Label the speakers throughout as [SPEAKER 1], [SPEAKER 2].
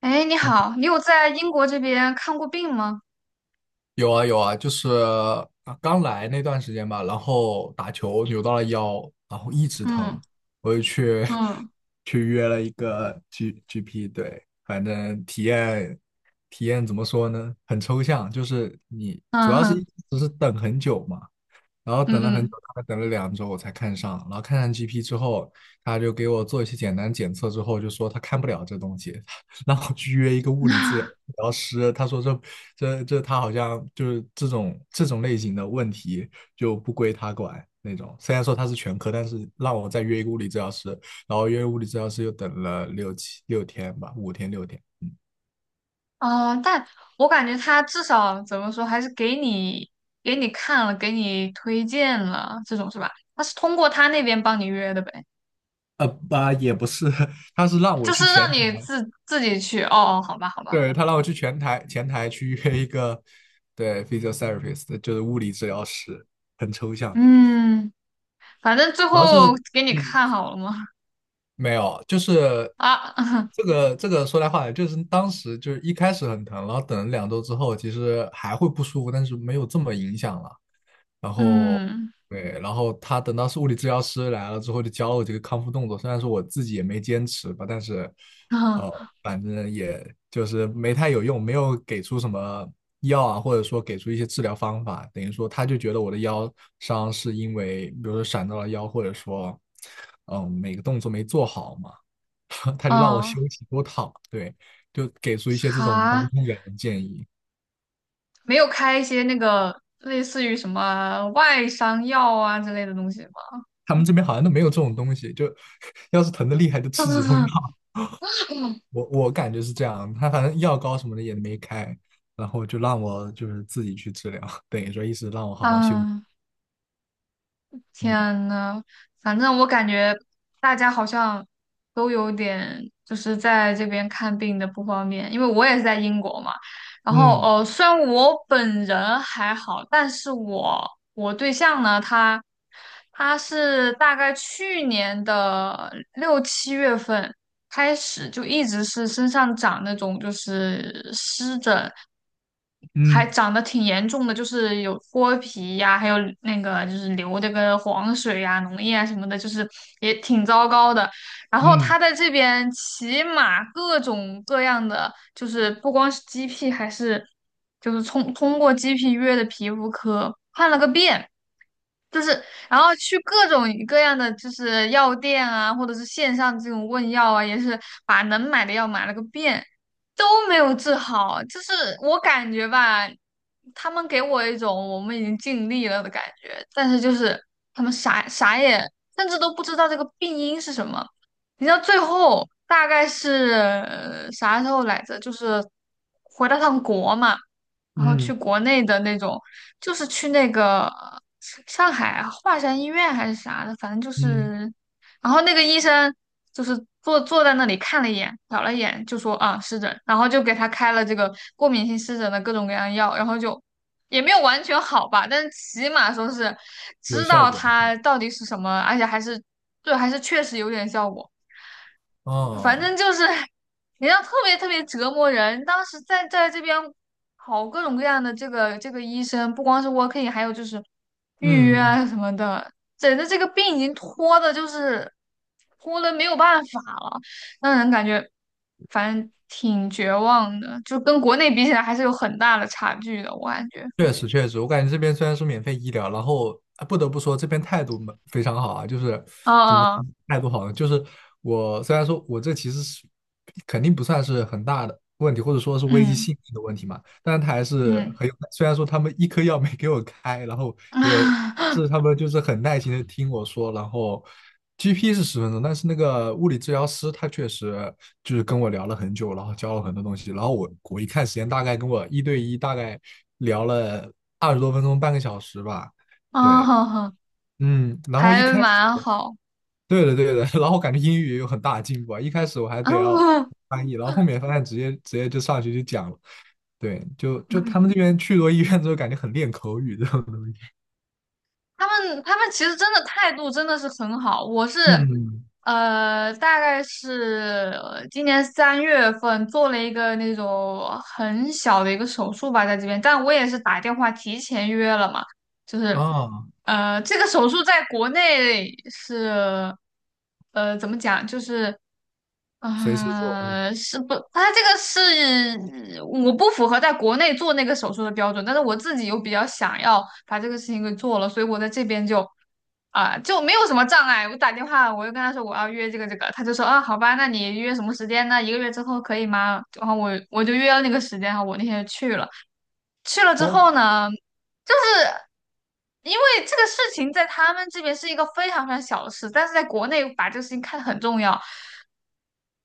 [SPEAKER 1] 哎，你好，你有在英国这边看过病吗？
[SPEAKER 2] 有啊有啊，就是刚来那段时间吧，然后打球扭到了腰，然后一直
[SPEAKER 1] 嗯。
[SPEAKER 2] 疼，我就去
[SPEAKER 1] 嗯。
[SPEAKER 2] 去约了一个 GP，对，反正体验怎么说呢，很抽象，就是你主
[SPEAKER 1] 嗯
[SPEAKER 2] 要是
[SPEAKER 1] 哼。
[SPEAKER 2] 一直是等很久嘛，然后等了很久，
[SPEAKER 1] 嗯。
[SPEAKER 2] 大概等了两周我才看上。然后看上 GP 之后，他就给我做一些简单检测，之后就说他看不了这东西，让我去约一个
[SPEAKER 1] 嗯。
[SPEAKER 2] 物理治 疗师。他说这他好像就是这种类型的问题就不归他管那种。虽然说他是全科，但是让我再约一个物理治疗师，然后约物理治疗师又等了六七六天吧，5天6天。
[SPEAKER 1] 啊哦，但我感觉他至少怎么说，还是给你看了，给你推荐了，这种是吧？他是通过他那边帮你约的呗，
[SPEAKER 2] 也不是，他是让我
[SPEAKER 1] 就是
[SPEAKER 2] 去前
[SPEAKER 1] 让你自己去。哦哦，好吧好吧，
[SPEAKER 2] 对，他让我去前台去约一个对 physiotherapist，就是物理治疗师，很抽象。
[SPEAKER 1] 嗯，反正最
[SPEAKER 2] 主要是
[SPEAKER 1] 后给你
[SPEAKER 2] 嗯，
[SPEAKER 1] 看好了吗？
[SPEAKER 2] 没有，就是
[SPEAKER 1] 啊，
[SPEAKER 2] 这个说来话长，就是当时就是一开始很疼，然后等了两周之后，其实还会不舒服，但是没有这么影响了。然后
[SPEAKER 1] 嗯。
[SPEAKER 2] 对，然后他等到是物理治疗师来了之后，就教了我这个康复动作。虽然说我自己也没坚持吧，但是
[SPEAKER 1] 嗯。
[SPEAKER 2] 呃，反正也就是没太有用，没有给出什么药啊，或者说给出一些治疗方法。等于说，他就觉得我的腰伤是因为，比如说闪到了腰，或者说每个动作没做好嘛，他就让我
[SPEAKER 1] 哦，
[SPEAKER 2] 休息多躺，对，就给出一些这种无关
[SPEAKER 1] 啥？
[SPEAKER 2] 痛痒的建议。
[SPEAKER 1] 没有开一些那个类似于什么外伤药啊之类的东西吗？
[SPEAKER 2] 他们这边好像都没有这种东西，就 要是疼的厉害就吃止痛药。我感觉是这样，他反正药膏什么的也没开，然后就让我就是自己去治疗，等于说意思让我好好休息。
[SPEAKER 1] 啊，
[SPEAKER 2] 嗯
[SPEAKER 1] 天呐，反正我感觉大家好像都有点就是在这边看病的不方便，因为我也是在英国嘛。然后
[SPEAKER 2] 嗯
[SPEAKER 1] 虽然我本人还好，但是我对象呢，他是大概去年的六七月份开始就一直是身上长那种就是湿疹，还
[SPEAKER 2] 嗯
[SPEAKER 1] 长得挺严重的，就是有脱皮呀、还有那个就是流这个黄水呀、脓液啊什么的，就是也挺糟糕的。然后他
[SPEAKER 2] 嗯
[SPEAKER 1] 在这边骑马，各种各样的，就是不光是 GP，还是就是通过 GP 约的皮肤科看了个遍，就是然后去各种各样的就是药店啊，或者是线上这种问药啊，也是把能买的药买了个遍。都没有治好，就是我感觉吧，他们给我一种我们已经尽力了的感觉，但是就是他们啥也，甚至都不知道这个病因是什么。你知道最后大概是啥时候来着？就是回到趟国嘛，然后去
[SPEAKER 2] 嗯
[SPEAKER 1] 国内的那种，就是去那个上海华山医院还是啥的，反正就
[SPEAKER 2] 嗯，
[SPEAKER 1] 是。然后那个医生就是坐在那里看了一眼，瞟了一眼，就说啊湿疹，然后就给他开了这个过敏性湿疹的各种各样药，然后就也没有完全好吧，但是起码说是
[SPEAKER 2] 有
[SPEAKER 1] 知
[SPEAKER 2] 效
[SPEAKER 1] 道
[SPEAKER 2] 果。
[SPEAKER 1] 它到底是什么，而且还是对，还是确实有点效果。反
[SPEAKER 2] 哦，
[SPEAKER 1] 正就是，人家特别特别折磨人。当时在这边跑各种各样的这个医生，不光是 w o r k in，还有就是预约
[SPEAKER 2] 嗯，
[SPEAKER 1] 啊什么的，整的这个病已经拖的，就是拖的没有办法了，让人感觉反正挺绝望的，就跟国内比起来还是有很大的差距的，我感觉。
[SPEAKER 2] 确实确实，我感觉这边虽然是免费医疗，然后啊不得不说这边态度蛮非常好啊，就是
[SPEAKER 1] 啊，
[SPEAKER 2] 态度好了，就是我虽然说我这其实是肯定不算是很大的问题，或者说是危及
[SPEAKER 1] 嗯。
[SPEAKER 2] 性命的问题嘛，但是他还是
[SPEAKER 1] 嗯。
[SPEAKER 2] 很有。虽然说他们一颗药没给我开，然后给我，是他们就是很耐心的听我说，然后 GP 是10分钟，但是那个物理治疗师他确实就是跟我聊了很久，然后教了很多东西，然后我一看时间，大概跟我一对一大概聊了20多分钟，半个小时吧，对。
[SPEAKER 1] 啊，
[SPEAKER 2] 嗯，然后一
[SPEAKER 1] 还
[SPEAKER 2] 开始
[SPEAKER 1] 蛮好，
[SPEAKER 2] 对的，对的。然后感觉英语也有很大的进步啊，一开始我还 得要
[SPEAKER 1] 啊，
[SPEAKER 2] 翻译，然后后面发现直接就上去就讲了。对，就
[SPEAKER 1] 嗯。
[SPEAKER 2] 他们这边去多医院之后，感觉很练口语这种东西。
[SPEAKER 1] 他们他们其实真的态度真的是很好。我是，
[SPEAKER 2] 嗯，
[SPEAKER 1] 大概是今年三月份做了一个那种很小的一个手术吧，在这边，但我也是打电话提前约了嘛，就是，
[SPEAKER 2] 啊，
[SPEAKER 1] 这个手术在国内是，怎么讲，就是。
[SPEAKER 2] 随时做。
[SPEAKER 1] 啊，是不，他这个是我不符合在国内做那个手术的标准，但是我自己又比较想要把这个事情给做了，所以我在这边就就没有什么障碍。我打电话，我就跟他说我要约这个，他就说啊好吧，那你约什么时间呢？一个月之后可以吗？然后我就约了那个时间，然后我那天就去了。去了之
[SPEAKER 2] 哦
[SPEAKER 1] 后呢，因为这个事情在他们这边是一个非常非常小的事，但是在国内把这个事情看得很重要。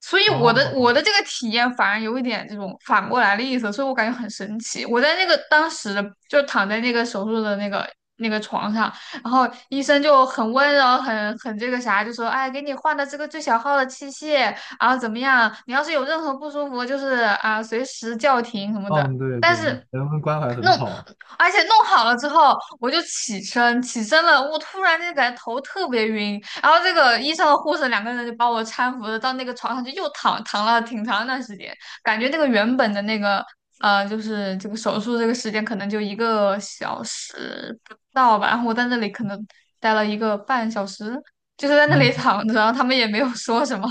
[SPEAKER 1] 所以我的
[SPEAKER 2] 哦，
[SPEAKER 1] 我的这个体验反而有一点这种反过来的意思，所以我感觉很神奇。我在那个当时的就躺在那个手术的那个床上，然后医生就很温柔，很这个啥，就说哎，给你换的这个最小号的器械，然后怎么样？你要是有任何不舒服，就是啊，随时叫停什么的。
[SPEAKER 2] 嗯，对
[SPEAKER 1] 但
[SPEAKER 2] 对，
[SPEAKER 1] 是
[SPEAKER 2] 人文关怀很
[SPEAKER 1] 弄，
[SPEAKER 2] 好啊。
[SPEAKER 1] 而且弄好了之后，我就起身，起身了，我突然间感觉头特别晕，然后这个医生和护士两个人就把我搀扶着到那个床上去，又躺了挺长一段时间，感觉那个原本的那个就是这个手术这个时间可能就一个小时不到吧，然后我在那里可能待了一个半小时，就是在那里
[SPEAKER 2] 嗯，
[SPEAKER 1] 躺着，然后他们也没有说什么，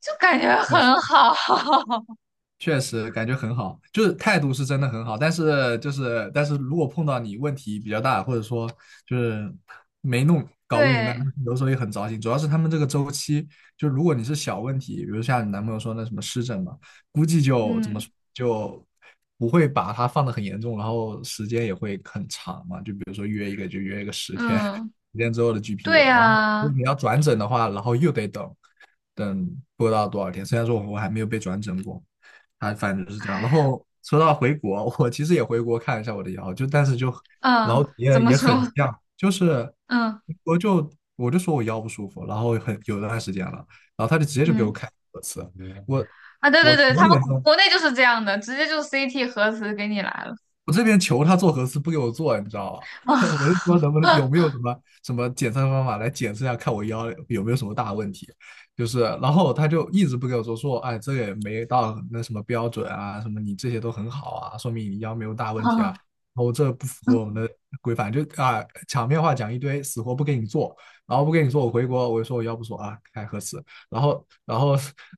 [SPEAKER 1] 就感觉
[SPEAKER 2] 确实。
[SPEAKER 1] 很好，
[SPEAKER 2] 确实感觉很好，就是态度是真的很好，但是但是如果碰到你问题比较大，或者说就是没弄搞不明白，
[SPEAKER 1] 对，
[SPEAKER 2] 有时候也很糟心。主要是他们这个周期，就如果你是小问题，比如像你男朋友说那什么湿疹嘛，估计就怎么
[SPEAKER 1] 嗯。
[SPEAKER 2] 说就不会把它放的很严重，然后时间也会很长嘛。就比如说约一个十天，
[SPEAKER 1] 嗯，
[SPEAKER 2] 十天之后的 GP，
[SPEAKER 1] 对
[SPEAKER 2] 然后如
[SPEAKER 1] 啊。
[SPEAKER 2] 果你要转诊的话，然后又得等不知道多少天。虽然说我还没有被转诊过。还反正就是这样。然
[SPEAKER 1] 唉，
[SPEAKER 2] 后说到回国，我其实也回国看一下我的腰，就但是就然
[SPEAKER 1] 嗯，
[SPEAKER 2] 后
[SPEAKER 1] 怎
[SPEAKER 2] 也
[SPEAKER 1] 么
[SPEAKER 2] 也很
[SPEAKER 1] 说？
[SPEAKER 2] 像，就是
[SPEAKER 1] 嗯。
[SPEAKER 2] 我就我就说我腰不舒服，然后很有段时间了，然后他就直接就给我
[SPEAKER 1] 嗯。
[SPEAKER 2] 开核磁，我
[SPEAKER 1] 啊，对对
[SPEAKER 2] 我
[SPEAKER 1] 对，
[SPEAKER 2] 九
[SPEAKER 1] 他们
[SPEAKER 2] 点
[SPEAKER 1] 国
[SPEAKER 2] 钟
[SPEAKER 1] 国内就是这样的，直接就 CT 核磁给你来了，
[SPEAKER 2] 我这边求他做核磁不给我做，你知道吧？我
[SPEAKER 1] 啊、
[SPEAKER 2] 是说能不能有没有什么检测方法来检测一下，看我腰有没有什么大问题？就是，然后他就一直不给我做，说哎，这个也没到那什么标准啊，什么你这些都很好啊，说明你腰没有大问题啊。
[SPEAKER 1] 啊，
[SPEAKER 2] 然后这不符合我们的规范，就啊场面话讲一堆，死活不给你做，然后不给你做，我回国我就说我腰不舒服啊，开核磁，然后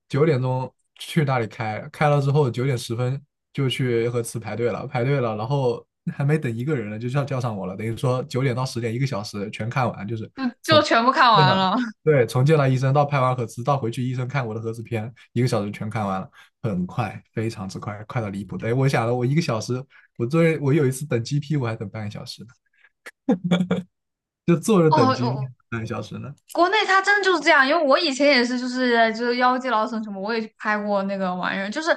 [SPEAKER 2] 九点钟去那里开，开了之后9点10分就去核磁排队了，排队了，然后还没等一个人呢，就叫上我了，等于说9点到10点一个小时全看完，就是
[SPEAKER 1] 就就
[SPEAKER 2] 从
[SPEAKER 1] 全部看
[SPEAKER 2] 见
[SPEAKER 1] 完
[SPEAKER 2] 了
[SPEAKER 1] 了。
[SPEAKER 2] 对从见了医生到拍完核磁到回去医生看我的核磁片，一个小时全看完了，很快，非常之快，快到离谱。哎，我想了，我一个小时，我作为我有一次等 GP 我还等半个小时呢，就坐着等 GP
[SPEAKER 1] 哦，
[SPEAKER 2] 半个小时呢。
[SPEAKER 1] 国内它真的就是这样，因为我以前也是，就是就是《腰肌劳损什么，我也去拍过那个玩意儿，就是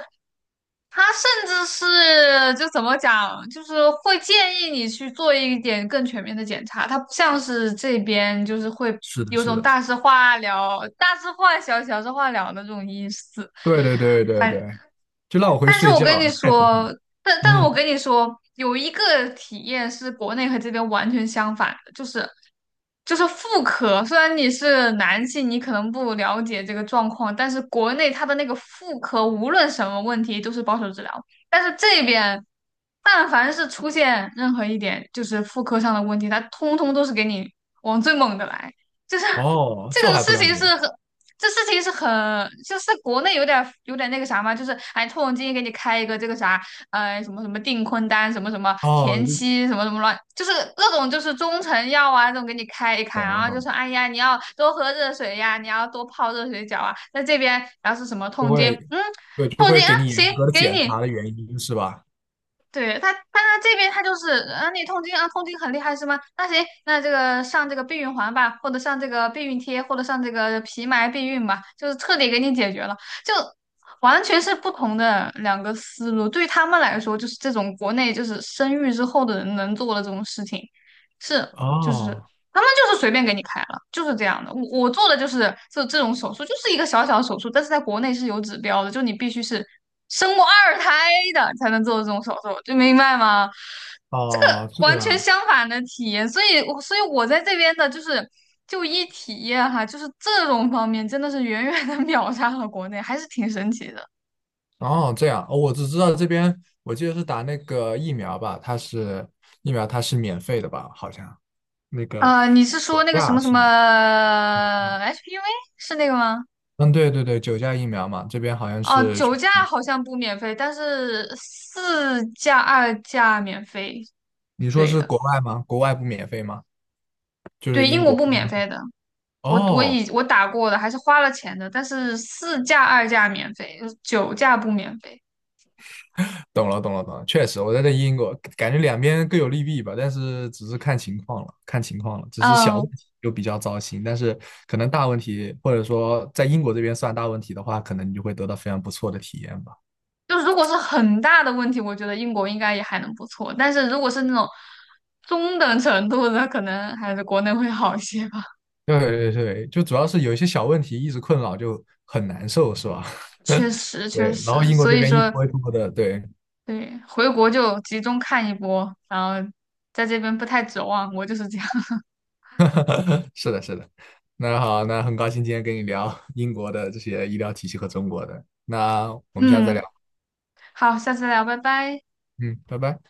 [SPEAKER 1] 它甚至是就怎么讲，就是会建议你去做一点更全面的检查，它不像是这边就是会
[SPEAKER 2] 是的，
[SPEAKER 1] 有
[SPEAKER 2] 是
[SPEAKER 1] 种
[SPEAKER 2] 的，
[SPEAKER 1] 大事化了、大事化小、小事化了的这种意思。
[SPEAKER 2] 对对对对
[SPEAKER 1] 反。
[SPEAKER 2] 对，就让我回去
[SPEAKER 1] 但是
[SPEAKER 2] 睡
[SPEAKER 1] 我
[SPEAKER 2] 觉
[SPEAKER 1] 跟你
[SPEAKER 2] 啊，太
[SPEAKER 1] 说，但是
[SPEAKER 2] 嗯，
[SPEAKER 1] 我跟你说，有一个体验是国内和这边完全相反的，就是就是妇科。虽然你是男性，你可能不了解这个状况，但是国内它的那个妇科无论什么问题都是保守治疗，但是这边但凡是出现任何一点就是妇科上的问题，它通通都是给你往最猛的来，就是。
[SPEAKER 2] 哦，
[SPEAKER 1] 这
[SPEAKER 2] 这我
[SPEAKER 1] 个
[SPEAKER 2] 还
[SPEAKER 1] 事
[SPEAKER 2] 不了
[SPEAKER 1] 情
[SPEAKER 2] 解。
[SPEAKER 1] 是很这事情是很，就是国内有点有点那个啥嘛，就是哎，痛经给你开一个这个啥，什么什么订婚单，什么什么
[SPEAKER 2] 哦，
[SPEAKER 1] 田
[SPEAKER 2] 就
[SPEAKER 1] 七，什么什么乱，就是各种就是中成药啊，这种给你开一开，
[SPEAKER 2] 懂
[SPEAKER 1] 然
[SPEAKER 2] 了
[SPEAKER 1] 后
[SPEAKER 2] 懂
[SPEAKER 1] 就
[SPEAKER 2] 了，
[SPEAKER 1] 说，哎呀，你要多喝热水呀，你要多泡热水脚啊，在这边，然后是什么
[SPEAKER 2] 就
[SPEAKER 1] 痛经，
[SPEAKER 2] 会
[SPEAKER 1] 嗯，
[SPEAKER 2] 对，就
[SPEAKER 1] 痛经
[SPEAKER 2] 会
[SPEAKER 1] 啊，
[SPEAKER 2] 给你
[SPEAKER 1] 行，
[SPEAKER 2] 严格的
[SPEAKER 1] 给
[SPEAKER 2] 检
[SPEAKER 1] 你，
[SPEAKER 2] 查的原因是吧？
[SPEAKER 1] 对他，他这边他就是啊，你痛经啊，痛经很厉害是吗？那行，那这个上这个避孕环吧，或者上这个避孕贴，或者上这个皮埋避孕吧，就是彻底给你解决了，就完全是不同的两个思路。对他们来说，就是这种国内就是生育之后的人能做的这种事情，是就是
[SPEAKER 2] 哦
[SPEAKER 1] 他们就是随便给你开了，就是这样的。我做的就是这种手术，就是一个小小的手术，但是在国内是有指标的，就你必须是生过二胎的才能做这种手术，就明白吗？这个
[SPEAKER 2] 哦，
[SPEAKER 1] 完全相反的体验，所以我在这边的就是就医体验哈，就是这种方面真的是远远的 秒杀了国内，还是挺神奇的。
[SPEAKER 2] 这样哦，我只知道这边我记得是打那个疫苗吧，疫苗它是免费的吧？好像那个
[SPEAKER 1] 啊，你是
[SPEAKER 2] 九
[SPEAKER 1] 说那个什
[SPEAKER 2] 价
[SPEAKER 1] 么什
[SPEAKER 2] 是，
[SPEAKER 1] 么 HPV 是那个吗？
[SPEAKER 2] 嗯对对对，九价疫苗嘛，这边好像
[SPEAKER 1] 哦，
[SPEAKER 2] 是
[SPEAKER 1] 九
[SPEAKER 2] 全
[SPEAKER 1] 价
[SPEAKER 2] 民
[SPEAKER 1] 好像不免费，但是四价、二价免费。
[SPEAKER 2] 你说
[SPEAKER 1] 对
[SPEAKER 2] 是
[SPEAKER 1] 的，
[SPEAKER 2] 国外吗？国外不免费吗？就是
[SPEAKER 1] 对，英
[SPEAKER 2] 英
[SPEAKER 1] 国
[SPEAKER 2] 国
[SPEAKER 1] 不
[SPEAKER 2] 这边
[SPEAKER 1] 免费的。我我
[SPEAKER 2] 哦
[SPEAKER 1] 以我打过的，还是花了钱的，但是四价、二价免费，就是九价不免费。
[SPEAKER 2] 懂了，懂了，懂了。确实，我在这英国，感觉两边各有利弊吧，但是只是看情况了，看情况了。只是小问
[SPEAKER 1] 嗯，
[SPEAKER 2] 题就比较糟心，但是可能大问题，或者说在英国这边算大问题的话，可能你就会得到非常不错的体验吧。
[SPEAKER 1] 就是如果是很大的问题，我觉得英国应该也还能不错。但是如果是那种中等程度的，可能还是国内会好一些吧。
[SPEAKER 2] 对对对，就主要是有一些小问题一直困扰，就很难受，是吧？
[SPEAKER 1] 确实，确
[SPEAKER 2] 对，然后
[SPEAKER 1] 实，
[SPEAKER 2] 英国
[SPEAKER 1] 所
[SPEAKER 2] 这
[SPEAKER 1] 以
[SPEAKER 2] 边一
[SPEAKER 1] 说。
[SPEAKER 2] 拖一拖的，对，
[SPEAKER 1] 对，回国就集中看一波，然后在这边不太指望，我就是这样。
[SPEAKER 2] 是的，是的。那好，那很高兴今天跟你聊英国的这些医疗体系和中国的，那我们下次再聊。
[SPEAKER 1] 嗯，好，下次聊，拜拜。
[SPEAKER 2] 嗯，拜拜。